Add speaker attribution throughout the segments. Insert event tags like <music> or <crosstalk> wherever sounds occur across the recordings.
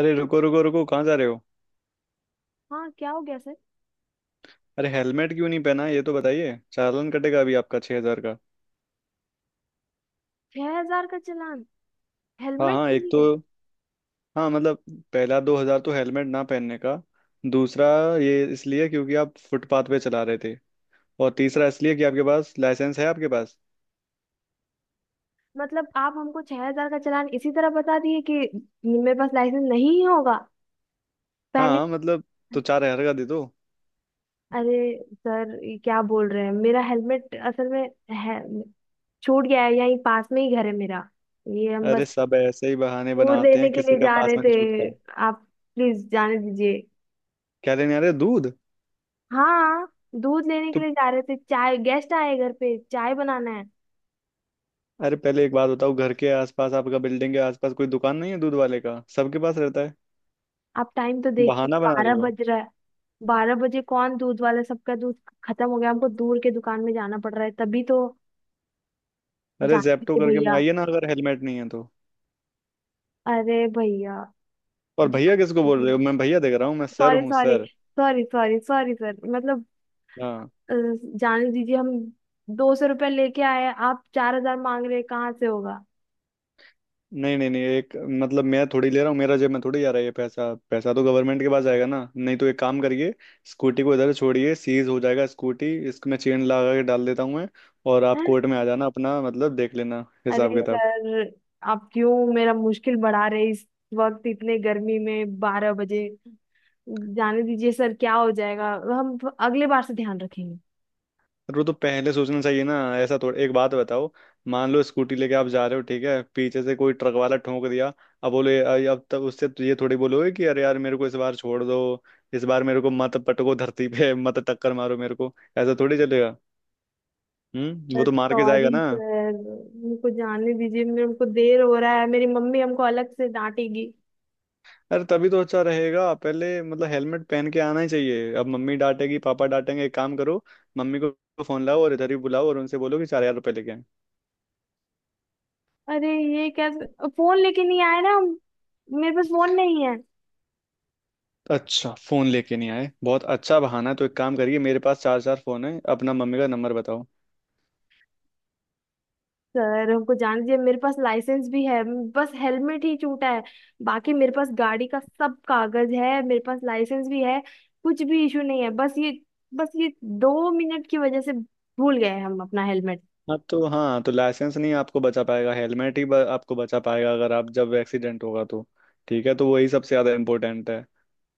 Speaker 1: अरे रुको रुको रुको, कहाँ जा रहे हो?
Speaker 2: हाँ क्या हो गया सर।
Speaker 1: अरे हेलमेट क्यों नहीं पहना, ये तो बताइए। चालान कटेगा अभी आपका 6,000 का।
Speaker 2: 6,000 का चालान?
Speaker 1: हाँ
Speaker 2: हेलमेट
Speaker 1: हाँ,
Speaker 2: के
Speaker 1: एक तो,
Speaker 2: लिए?
Speaker 1: हाँ मतलब, पहला 2,000 तो हेलमेट ना पहनने का। दूसरा ये इसलिए क्योंकि आप फुटपाथ पे चला रहे थे। और तीसरा इसलिए कि आपके पास लाइसेंस है आपके पास।
Speaker 2: मतलब आप हमको 6,000 का चालान इसी तरह बता दिए कि मेरे पास लाइसेंस नहीं होगा
Speaker 1: हाँ
Speaker 2: पहले?
Speaker 1: हाँ, मतलब तो 4,000 का दे दो।
Speaker 2: अरे सर, ये क्या बोल रहे हैं। मेरा हेलमेट असल में है, छूट गया है। यहीं पास में ही घर है मेरा। ये हम बस
Speaker 1: अरे सब ऐसे ही बहाने
Speaker 2: दूध
Speaker 1: बनाते
Speaker 2: लेने
Speaker 1: हैं,
Speaker 2: के
Speaker 1: किसी
Speaker 2: लिए
Speaker 1: का
Speaker 2: जा
Speaker 1: पास
Speaker 2: रहे
Speaker 1: में नहीं छूटता
Speaker 2: थे।
Speaker 1: है।
Speaker 2: आप प्लीज जाने दीजिए।
Speaker 1: क्या लेने आ रहे हो? दूध?
Speaker 2: हाँ। दूध लेने के
Speaker 1: तो
Speaker 2: लिए जा रहे थे, चाय। गेस्ट आए घर पे, चाय बनाना है।
Speaker 1: अरे पहले एक बात बताओ, घर के आसपास आपका, बिल्डिंग के आसपास कोई दुकान नहीं है दूध वाले का? सबके पास रहता है।
Speaker 2: आप टाइम तो देखिए,
Speaker 1: बहाना बना रहे
Speaker 2: 12
Speaker 1: हो।
Speaker 2: बज रहा है। बारह बजे कौन दूध वाला। सबका दूध खत्म हो गया, हमको दूर के दुकान में जाना पड़ रहा है तभी तो।
Speaker 1: अरे
Speaker 2: जानते
Speaker 1: जेप्टो
Speaker 2: थे
Speaker 1: करके
Speaker 2: भैया।
Speaker 1: मंगाइए ना, अगर हेलमेट नहीं है तो।
Speaker 2: अरे भैया।
Speaker 1: और भैया किसको
Speaker 2: जानते
Speaker 1: बोल
Speaker 2: थे,
Speaker 1: रहे हो? मैं भैया देख रहा हूँ? मैं सर
Speaker 2: सॉरी
Speaker 1: हूँ,
Speaker 2: sorry.
Speaker 1: Sir.
Speaker 2: Sorry sorry sorry sir, मतलब
Speaker 1: हाँ।
Speaker 2: अ, जाने दीजिए हम। 200 रुपये लेके आए, आप 4,000 मांग रहे हैं, कहाँ से होगा?
Speaker 1: नहीं नहीं नहीं, एक मतलब मैं थोड़ी ले रहा हूँ, मेरा जेब में थोड़ी जा रहा है ये पैसा। पैसा तो गवर्नमेंट के पास जाएगा ना। नहीं तो एक काम करिए, स्कूटी को इधर छोड़िए, सीज हो जाएगा स्कूटी, इसमें चेन लगा के डाल देता हूँ मैं। और आप कोर्ट में आ जाना, अपना मतलब देख लेना हिसाब
Speaker 2: अरे
Speaker 1: किताब।
Speaker 2: सर, आप क्यों मेरा मुश्किल बढ़ा रहे। इस वक्त, इतने गर्मी में, 12 बजे, जाने दीजिए सर। क्या हो जाएगा, हम अगले बार से ध्यान रखेंगे।
Speaker 1: वो तो पहले सोचना चाहिए ना, ऐसा थोड़ा। एक बात बताओ, मान लो स्कूटी लेके आप जा रहे हो, ठीक है, पीछे से कोई ट्रक वाला ठोक दिया, अब बोले अब तब उससे तो ये थोड़ी बोलोगे कि अरे यार मेरे को इस बार छोड़ दो, इस बार मेरे को मत पटको धरती पे <laughs> मत टक्कर मारो मेरे को, ऐसा थोड़ी चलेगा। हम्म, वो
Speaker 2: सर
Speaker 1: तो मार के जाएगा
Speaker 2: सॉरी
Speaker 1: ना।
Speaker 2: सर, मुझको जाने दीजिए। मेरे को देर हो रहा है, मेरी मम्मी हमको अलग से डांटेगी।
Speaker 1: अरे तभी तो, अच्छा रहेगा पहले, मतलब हेलमेट पहन के आना ही चाहिए। अब मम्मी डांटेगी, पापा डांटेंगे। एक काम करो, मम्मी को फोन लाओ और इधर ही बुलाओ, और उनसे बोलो कि 4,000 रुपये लेके आएं।
Speaker 2: अरे ये कैसे, फोन लेके नहीं आए ना हम। मेरे पास फोन नहीं है।
Speaker 1: अच्छा, फोन लेके नहीं आए, बहुत अच्छा बहाना है। तो एक काम करिए, मेरे पास चार चार फोन है, अपना मम्मी का नंबर बताओ।
Speaker 2: सर हमको जान दीजिए, मेरे पास लाइसेंस भी है। बस हेलमेट ही छूटा है। बाकी मेरे पास गाड़ी का सब कागज है, मेरे पास लाइसेंस भी है, कुछ भी इशू नहीं है। बस ये 2 मिनट की वजह से भूल गए हम अपना हेलमेट।
Speaker 1: हाँ तो, हाँ तो लाइसेंस नहीं आपको बचा पाएगा, हेलमेट ही आपको बचा पाएगा, अगर आप, जब एक्सीडेंट होगा तो। ठीक है, तो वही सबसे ज्यादा इंपॉर्टेंट है।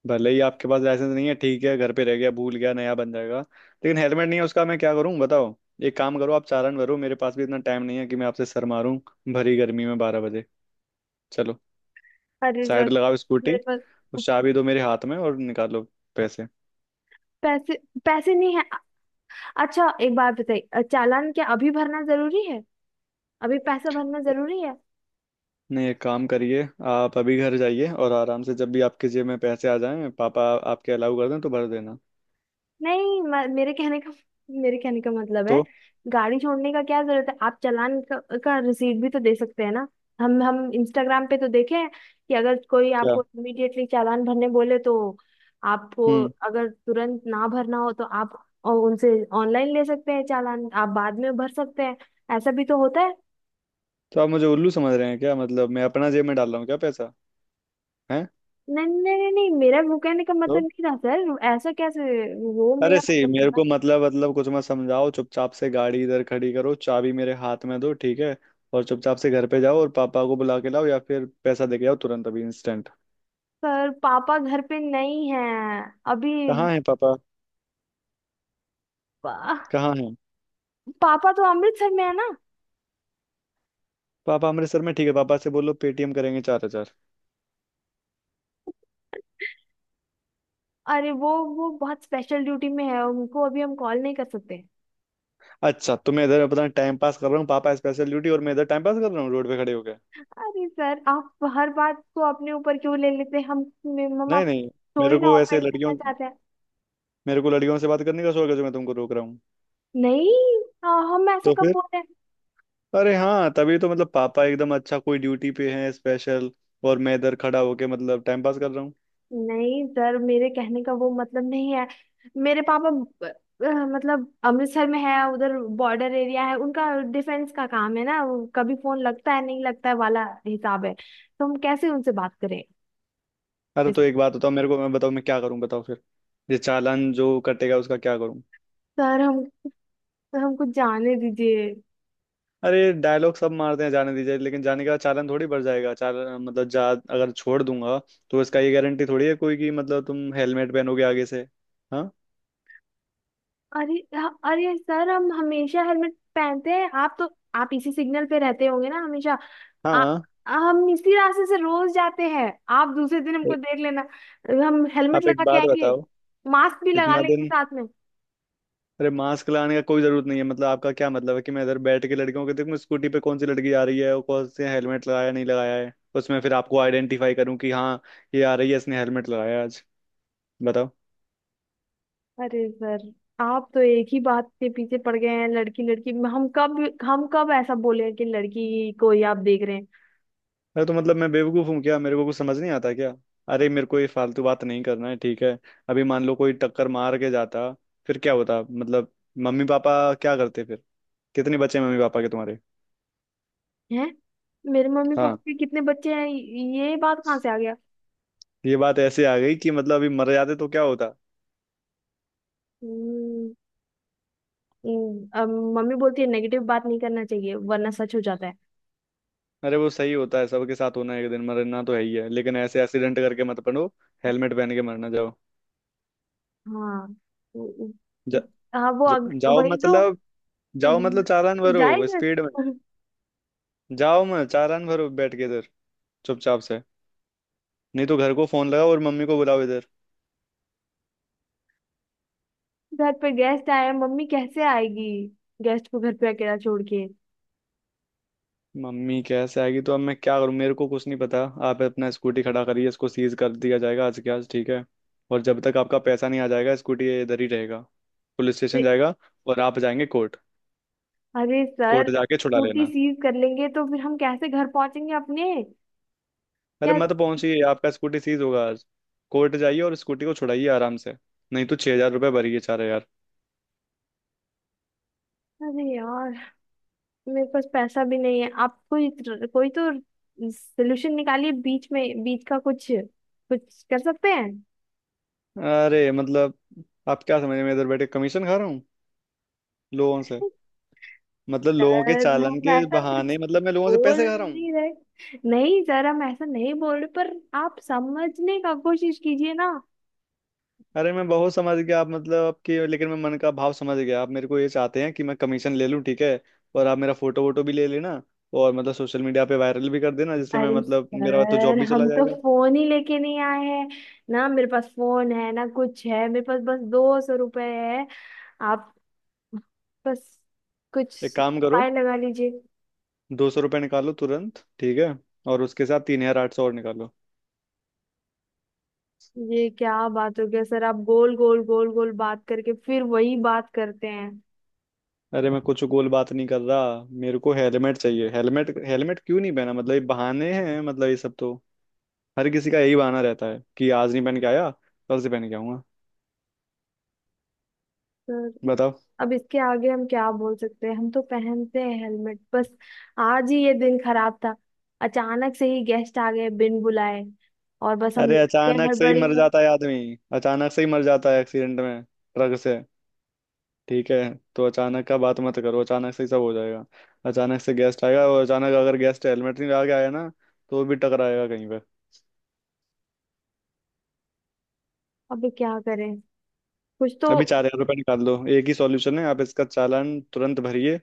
Speaker 1: भले ही आपके पास लाइसेंस नहीं है ठीक है, घर पे रह गया, भूल गया, नया बन जाएगा। लेकिन हेलमेट नहीं है, उसका मैं क्या करूँ बताओ। एक काम करो, आप चालान भरो। मेरे पास भी इतना टाइम नहीं है कि मैं आपसे सर मारूं, भरी गर्मी में 12 बजे। चलो,
Speaker 2: अरे सर,
Speaker 1: साइड लगाओ स्कूटी।
Speaker 2: मेरे पास
Speaker 1: उस चाबी दो मेरे हाथ में, और निकालो पैसे।
Speaker 2: पैसे पैसे नहीं है। अच्छा, एक बात बताइए, चालान क्या अभी भरना जरूरी है? अभी पैसा भरना जरूरी है?
Speaker 1: नहीं, एक काम करिए, आप अभी घर जाइए और आराम से जब भी आपके जेब में पैसे आ जाएं, पापा आपके अलाउ कर दें, तो भर देना।
Speaker 2: नहीं, मेरे कहने का मतलब है।
Speaker 1: तो
Speaker 2: गाड़ी छोड़ने का क्या जरूरत है? आप चालान का रिसीट भी तो दे सकते हैं ना। हम इंस्टाग्राम पे तो देखे हैं कि अगर कोई
Speaker 1: क्या?
Speaker 2: आपको इमीडिएटली चालान भरने बोले तो आपको,
Speaker 1: हम्म।
Speaker 2: अगर तुरंत ना भरना हो तो आप उनसे ऑनलाइन ले सकते हैं चालान, आप बाद में भर सकते हैं। ऐसा भी तो होता है।
Speaker 1: तो आप मुझे उल्लू समझ रहे हैं क्या? मतलब मैं अपना जेब में डाल रहा हूँ क्या पैसा है?
Speaker 2: नहीं नहीं नहीं नहीं, मेरा वो कहने का मतलब
Speaker 1: तो
Speaker 2: नहीं था सर, ऐसा कैसे। वो
Speaker 1: अरे
Speaker 2: मेरा
Speaker 1: सही,
Speaker 2: मतलब
Speaker 1: मेरे
Speaker 2: था।
Speaker 1: को मतलब कुछ मत समझाओ, चुपचाप से गाड़ी इधर खड़ी करो, चाबी मेरे हाथ में दो ठीक है। और चुपचाप से घर पे जाओ और पापा को बुला के लाओ, या फिर पैसा दे के आओ तुरंत अभी इंस्टेंट।
Speaker 2: सर, पापा घर पे नहीं है अभी।
Speaker 1: कहाँ है पापा, कहाँ है?
Speaker 2: पापा तो अमृतसर में है ना।
Speaker 1: पापा अमृतसर में, ठीक है, पापा से बोलो पेटीएम करेंगे 4,000।
Speaker 2: अरे वो बहुत स्पेशल ड्यूटी में है, उनको अभी हम कॉल नहीं कर सकते।
Speaker 1: अच्छा, तो मैं इधर अपना टाइम पास कर रहा हूँ? पापा स्पेशल ड्यूटी और मैं इधर टाइम पास कर रहा हूँ रोड पे खड़े होकर।
Speaker 2: अरे सर, आप हर बात को अपने ऊपर क्यों ले लेते हैं? हम मम्मा
Speaker 1: नहीं
Speaker 2: आपको
Speaker 1: नहीं,
Speaker 2: थोड़ी
Speaker 1: मेरे
Speaker 2: ना
Speaker 1: को ऐसे
Speaker 2: ऑफेंड
Speaker 1: लड़कियों,
Speaker 2: करना चाहते हैं।
Speaker 1: मेरे को लड़कियों से बात करने का शौक है जो मैं तुमको रोक रहा हूँ?
Speaker 2: नहीं। हाँ, हम ऐसा
Speaker 1: तो
Speaker 2: कब
Speaker 1: फिर?
Speaker 2: बोल रहे हैं।
Speaker 1: अरे हाँ, तभी तो, मतलब पापा एकदम अच्छा कोई ड्यूटी पे है स्पेशल, और मैं इधर खड़ा होके मतलब टाइम पास कर रहा हूँ।
Speaker 2: नहीं सर, मेरे कहने का वो मतलब नहीं है। मेरे पापा अ, मतलब अमृतसर में है, उधर बॉर्डर एरिया है उनका। डिफेंस का काम है ना। वो कभी फोन लगता है, नहीं लगता है वाला हिसाब है, तो हम कैसे उनसे बात करें।
Speaker 1: अरे
Speaker 2: इस-
Speaker 1: तो एक बात बताओ मेरे को, मैं बताओ मैं क्या करूँ, बताओ फिर। ये चालान जो कटेगा उसका क्या करूँ?
Speaker 2: सर हम तो, हमको जाने दीजिए।
Speaker 1: अरे डायलॉग सब मारते हैं जाने दीजिए, लेकिन जाने का चालान थोड़ी बढ़ जाएगा। चालान, मतलब जा, अगर छोड़ दूंगा तो इसका ये गारंटी थोड़ी है कोई कि मतलब तुम हेलमेट पहनोगे आगे से। हाँ।
Speaker 2: अरे अरे सर, हम हमेशा हेलमेट पहनते हैं। आप तो, आप इसी सिग्नल पे रहते होंगे ना हमेशा। आ,
Speaker 1: हाँ
Speaker 2: हम इसी रास्ते से रोज जाते हैं। आप दूसरे दिन
Speaker 1: ए-
Speaker 2: हमको देख लेना, हम हेलमेट
Speaker 1: आप एक
Speaker 2: लगा के
Speaker 1: बात
Speaker 2: आएंगे।
Speaker 1: बताओ,
Speaker 2: मास्क भी लगा
Speaker 1: इतना
Speaker 2: लेंगे
Speaker 1: दिन,
Speaker 2: साथ में।
Speaker 1: अरे मास्क लगाने का कोई जरूरत नहीं है। मतलब आपका क्या मतलब है कि मैं इधर बैठ के लड़कियों को देखूं, स्कूटी पे कौन सी लड़की आ रही है और कौन से हेलमेट लगाया नहीं लगाया है, उसमें फिर आपको आइडेंटिफाई करूं कि हाँ, ये आ रही है, इसने हेलमेट लगाया है आज, बताओ?
Speaker 2: अरे सर, आप तो एक ही बात के पीछे पड़ गए हैं। लड़की लड़की, हम कब ऐसा बोले कि लड़की को ही आप देख रहे हैं।
Speaker 1: अरे तो मतलब मैं बेवकूफ़ हूँ क्या, मेरे को कुछ समझ नहीं आता क्या? अरे मेरे को ये फालतू बात नहीं करना है ठीक है। अभी मान लो कोई टक्कर मार के जाता, फिर क्या होता मतलब? मम्मी पापा क्या करते फिर? कितने बच्चे मम्मी पापा के तुम्हारे?
Speaker 2: हैं, मेरे मम्मी पापा
Speaker 1: हाँ।
Speaker 2: के कितने बच्चे हैं, ये बात कहाँ से आ गया।
Speaker 1: ये बात ऐसे आ गई कि मतलब अभी मर जाते तो क्या होता?
Speaker 2: हम्म, अब मम्मी बोलती है नेगेटिव बात नहीं करना चाहिए, वरना सच हो जाता है।
Speaker 1: अरे वो सही होता है, सबके साथ होना है, एक दिन मरना तो है ही है, लेकिन ऐसे एक्सीडेंट करके मत पड़ो। हेलमेट पहन के मरना जाओ।
Speaker 2: हाँ वो-
Speaker 1: जा,
Speaker 2: इस- हाँ वो
Speaker 1: जा, जाओ
Speaker 2: वही तो।
Speaker 1: मतलब। जाओ
Speaker 2: उम,
Speaker 1: मतलब चालान भरो
Speaker 2: जाएगा।
Speaker 1: स्पीड में। जाओ, मैं चालान भरो बैठ के इधर चुपचाप से। नहीं तो घर को फोन लगाओ और मम्मी को बुलाओ इधर।
Speaker 2: घर पे गेस्ट आए, मम्मी कैसे आएगी, गेस्ट को घर पे अकेला छोड़ के।
Speaker 1: मम्मी कैसे आएगी तो अब मैं क्या करूँ, मेरे को कुछ नहीं पता। आप अपना स्कूटी खड़ा करिए, इसको सीज कर दिया जाएगा आज के आज ठीक है। और जब तक आपका पैसा नहीं आ जाएगा, स्कूटी ये इधर ही रहेगा, पुलिस स्टेशन
Speaker 2: अरे।
Speaker 1: जाएगा। और आप जाएंगे कोर्ट।
Speaker 2: अरे सर,
Speaker 1: कोर्ट जाके छुड़ा
Speaker 2: स्कूटी
Speaker 1: लेना।
Speaker 2: सीज कर लेंगे तो फिर हम कैसे घर पहुंचेंगे अपने।
Speaker 1: अरे
Speaker 2: क्या?
Speaker 1: मत पहुंचिए, आपका स्कूटी सीज होगा आज। कोर्ट जाइए और स्कूटी को छुड़ाइए आराम से। नहीं तो 6,000 रुपये भरिए, 4,000।
Speaker 2: अरे यार, मेरे पास पैसा भी नहीं है। आप कोई, कोई तो सोल्यूशन निकालिए, बीच का कुछ कुछ कर सकते हैं।
Speaker 1: अरे मतलब आप क्या समझ, मैं इधर बैठे कमीशन खा रहा हूँ लोगों से? मतलब लोगों के
Speaker 2: सर
Speaker 1: चालान
Speaker 2: हम
Speaker 1: के
Speaker 2: ऐसा
Speaker 1: बहाने
Speaker 2: कुछ
Speaker 1: मतलब मैं लोगों से
Speaker 2: बोल
Speaker 1: पैसे खा रहा हूँ?
Speaker 2: नहीं रहे। नहीं सर, हम ऐसा नहीं बोल रहे, पर आप समझने का कोशिश कीजिए ना।
Speaker 1: अरे मैं बहुत समझ गया आप, मतलब आपकी, लेकिन मैं मन का भाव समझ गया। आप मेरे को ये चाहते हैं कि मैं कमीशन ले लूँ ठीक है, और आप मेरा फोटो वोटो भी ले लेना, और मतलब सोशल मीडिया पे वायरल भी कर देना, जिससे मैं
Speaker 2: अरे
Speaker 1: मतलब मेरा तो
Speaker 2: सर,
Speaker 1: जॉब भी चला
Speaker 2: हम तो
Speaker 1: जाएगा।
Speaker 2: फोन ही लेके नहीं आए हैं। ना मेरे पास फोन है ना कुछ है, मेरे पास बस 200 रुपए है। आप बस,
Speaker 1: एक
Speaker 2: कुछ
Speaker 1: काम करो,
Speaker 2: उपाय लगा लीजिए।
Speaker 1: 200 रुपये निकालो तुरंत ठीक है, और उसके साथ 3,800 और निकालो।
Speaker 2: ये क्या बात हो गया सर, आप गोल गोल गोल गोल बात करके फिर वही बात करते हैं।
Speaker 1: अरे मैं कुछ गोल बात नहीं कर रहा, मेरे को हेलमेट चाहिए, हेलमेट। हेलमेट क्यों नहीं पहना, मतलब ये बहाने हैं, मतलब ये सब तो हर किसी का यही बहाना रहता है कि आज नहीं पहन के आया, कल से पहन के आऊंगा।
Speaker 2: सर,
Speaker 1: बताओ।
Speaker 2: अब इसके आगे हम क्या बोल सकते हैं। हम तो पहनते हैं हेलमेट बस। आज ही ये दिन खराब था। अचानक से ही गेस्ट आ गए बिन बुलाए, और बस हम
Speaker 1: अरे
Speaker 2: निकल गए
Speaker 1: अचानक से ही
Speaker 2: हड़बड़ी
Speaker 1: मर
Speaker 2: में।
Speaker 1: जाता है आदमी, अचानक से ही मर जाता है एक्सीडेंट में ट्रक से ठीक है। तो अचानक का बात मत करो, अचानक से ही सब हो जाएगा। अचानक से गेस्ट आएगा, और अचानक अगर गेस्ट हेलमेट नहीं लगा के आया ना, तो वो भी टकराएगा कहीं पे।
Speaker 2: अब क्या करें, कुछ तो।
Speaker 1: अभी 4,000 रुपये निकाल लो, एक ही सॉल्यूशन है, आप इसका चालान तुरंत भरिए।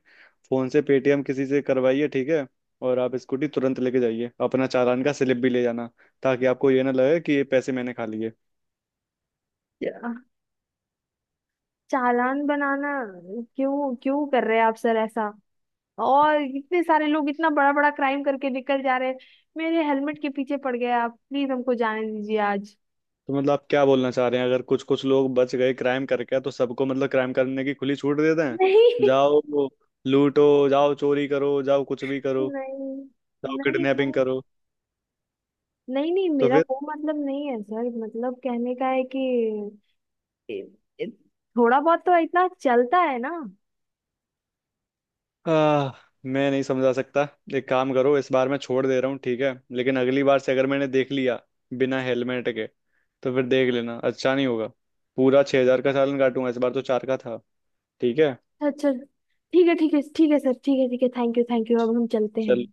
Speaker 1: फोन से पेटीएम किसी से करवाइए ठीक है, और आप स्कूटी तुरंत लेके जाइए, अपना चालान का स्लिप भी ले जाना, ताकि आपको ये ना लगे कि ये पैसे मैंने खा लिए।
Speaker 2: चालान बनाना क्यों क्यों कर रहे हैं आप सर ऐसा? और इतने सारे लोग इतना बड़ा बड़ा क्राइम करके निकल जा रहे हैं, मेरे हेलमेट के पीछे पड़ गए आप। प्लीज हमको जाने दीजिए आज।
Speaker 1: तो मतलब आप क्या बोलना चाह रहे हैं, अगर कुछ कुछ लोग बच गए क्राइम करके, तो सबको मतलब क्राइम करने की खुली छूट देते हैं,
Speaker 2: नहीं <laughs>
Speaker 1: जाओ लूटो, जाओ चोरी करो, जाओ कुछ भी करो,
Speaker 2: नहीं
Speaker 1: जाओ
Speaker 2: नहीं
Speaker 1: किडनैपिंग
Speaker 2: नहीं
Speaker 1: करो।
Speaker 2: नहीं। नहीं,
Speaker 1: तो
Speaker 2: मेरा
Speaker 1: फिर?
Speaker 2: वो मतलब नहीं है सर। मतलब कहने का है कि ए- ए- थोड़ा बहुत तो इतना चलता है ना।
Speaker 1: आह, मैं नहीं समझा सकता। एक काम करो, इस बार मैं छोड़ दे रहा हूँ ठीक है, लेकिन अगली बार से अगर मैंने देख लिया बिना हेलमेट के, तो फिर देख लेना अच्छा नहीं होगा। पूरा 6,000 का चालान काटूंगा, इस बार तो चार का था ठीक है।
Speaker 2: अच्छा। ठीक है ठीक है ठीक है सर, ठीक है ठीक है। थैंक यू, थैंक यू, अब हम चलते हैं।
Speaker 1: चल,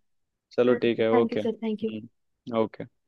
Speaker 1: चलो ठीक है,
Speaker 2: thank you
Speaker 1: okay.
Speaker 2: Sir, thank you.
Speaker 1: Hmm, okay.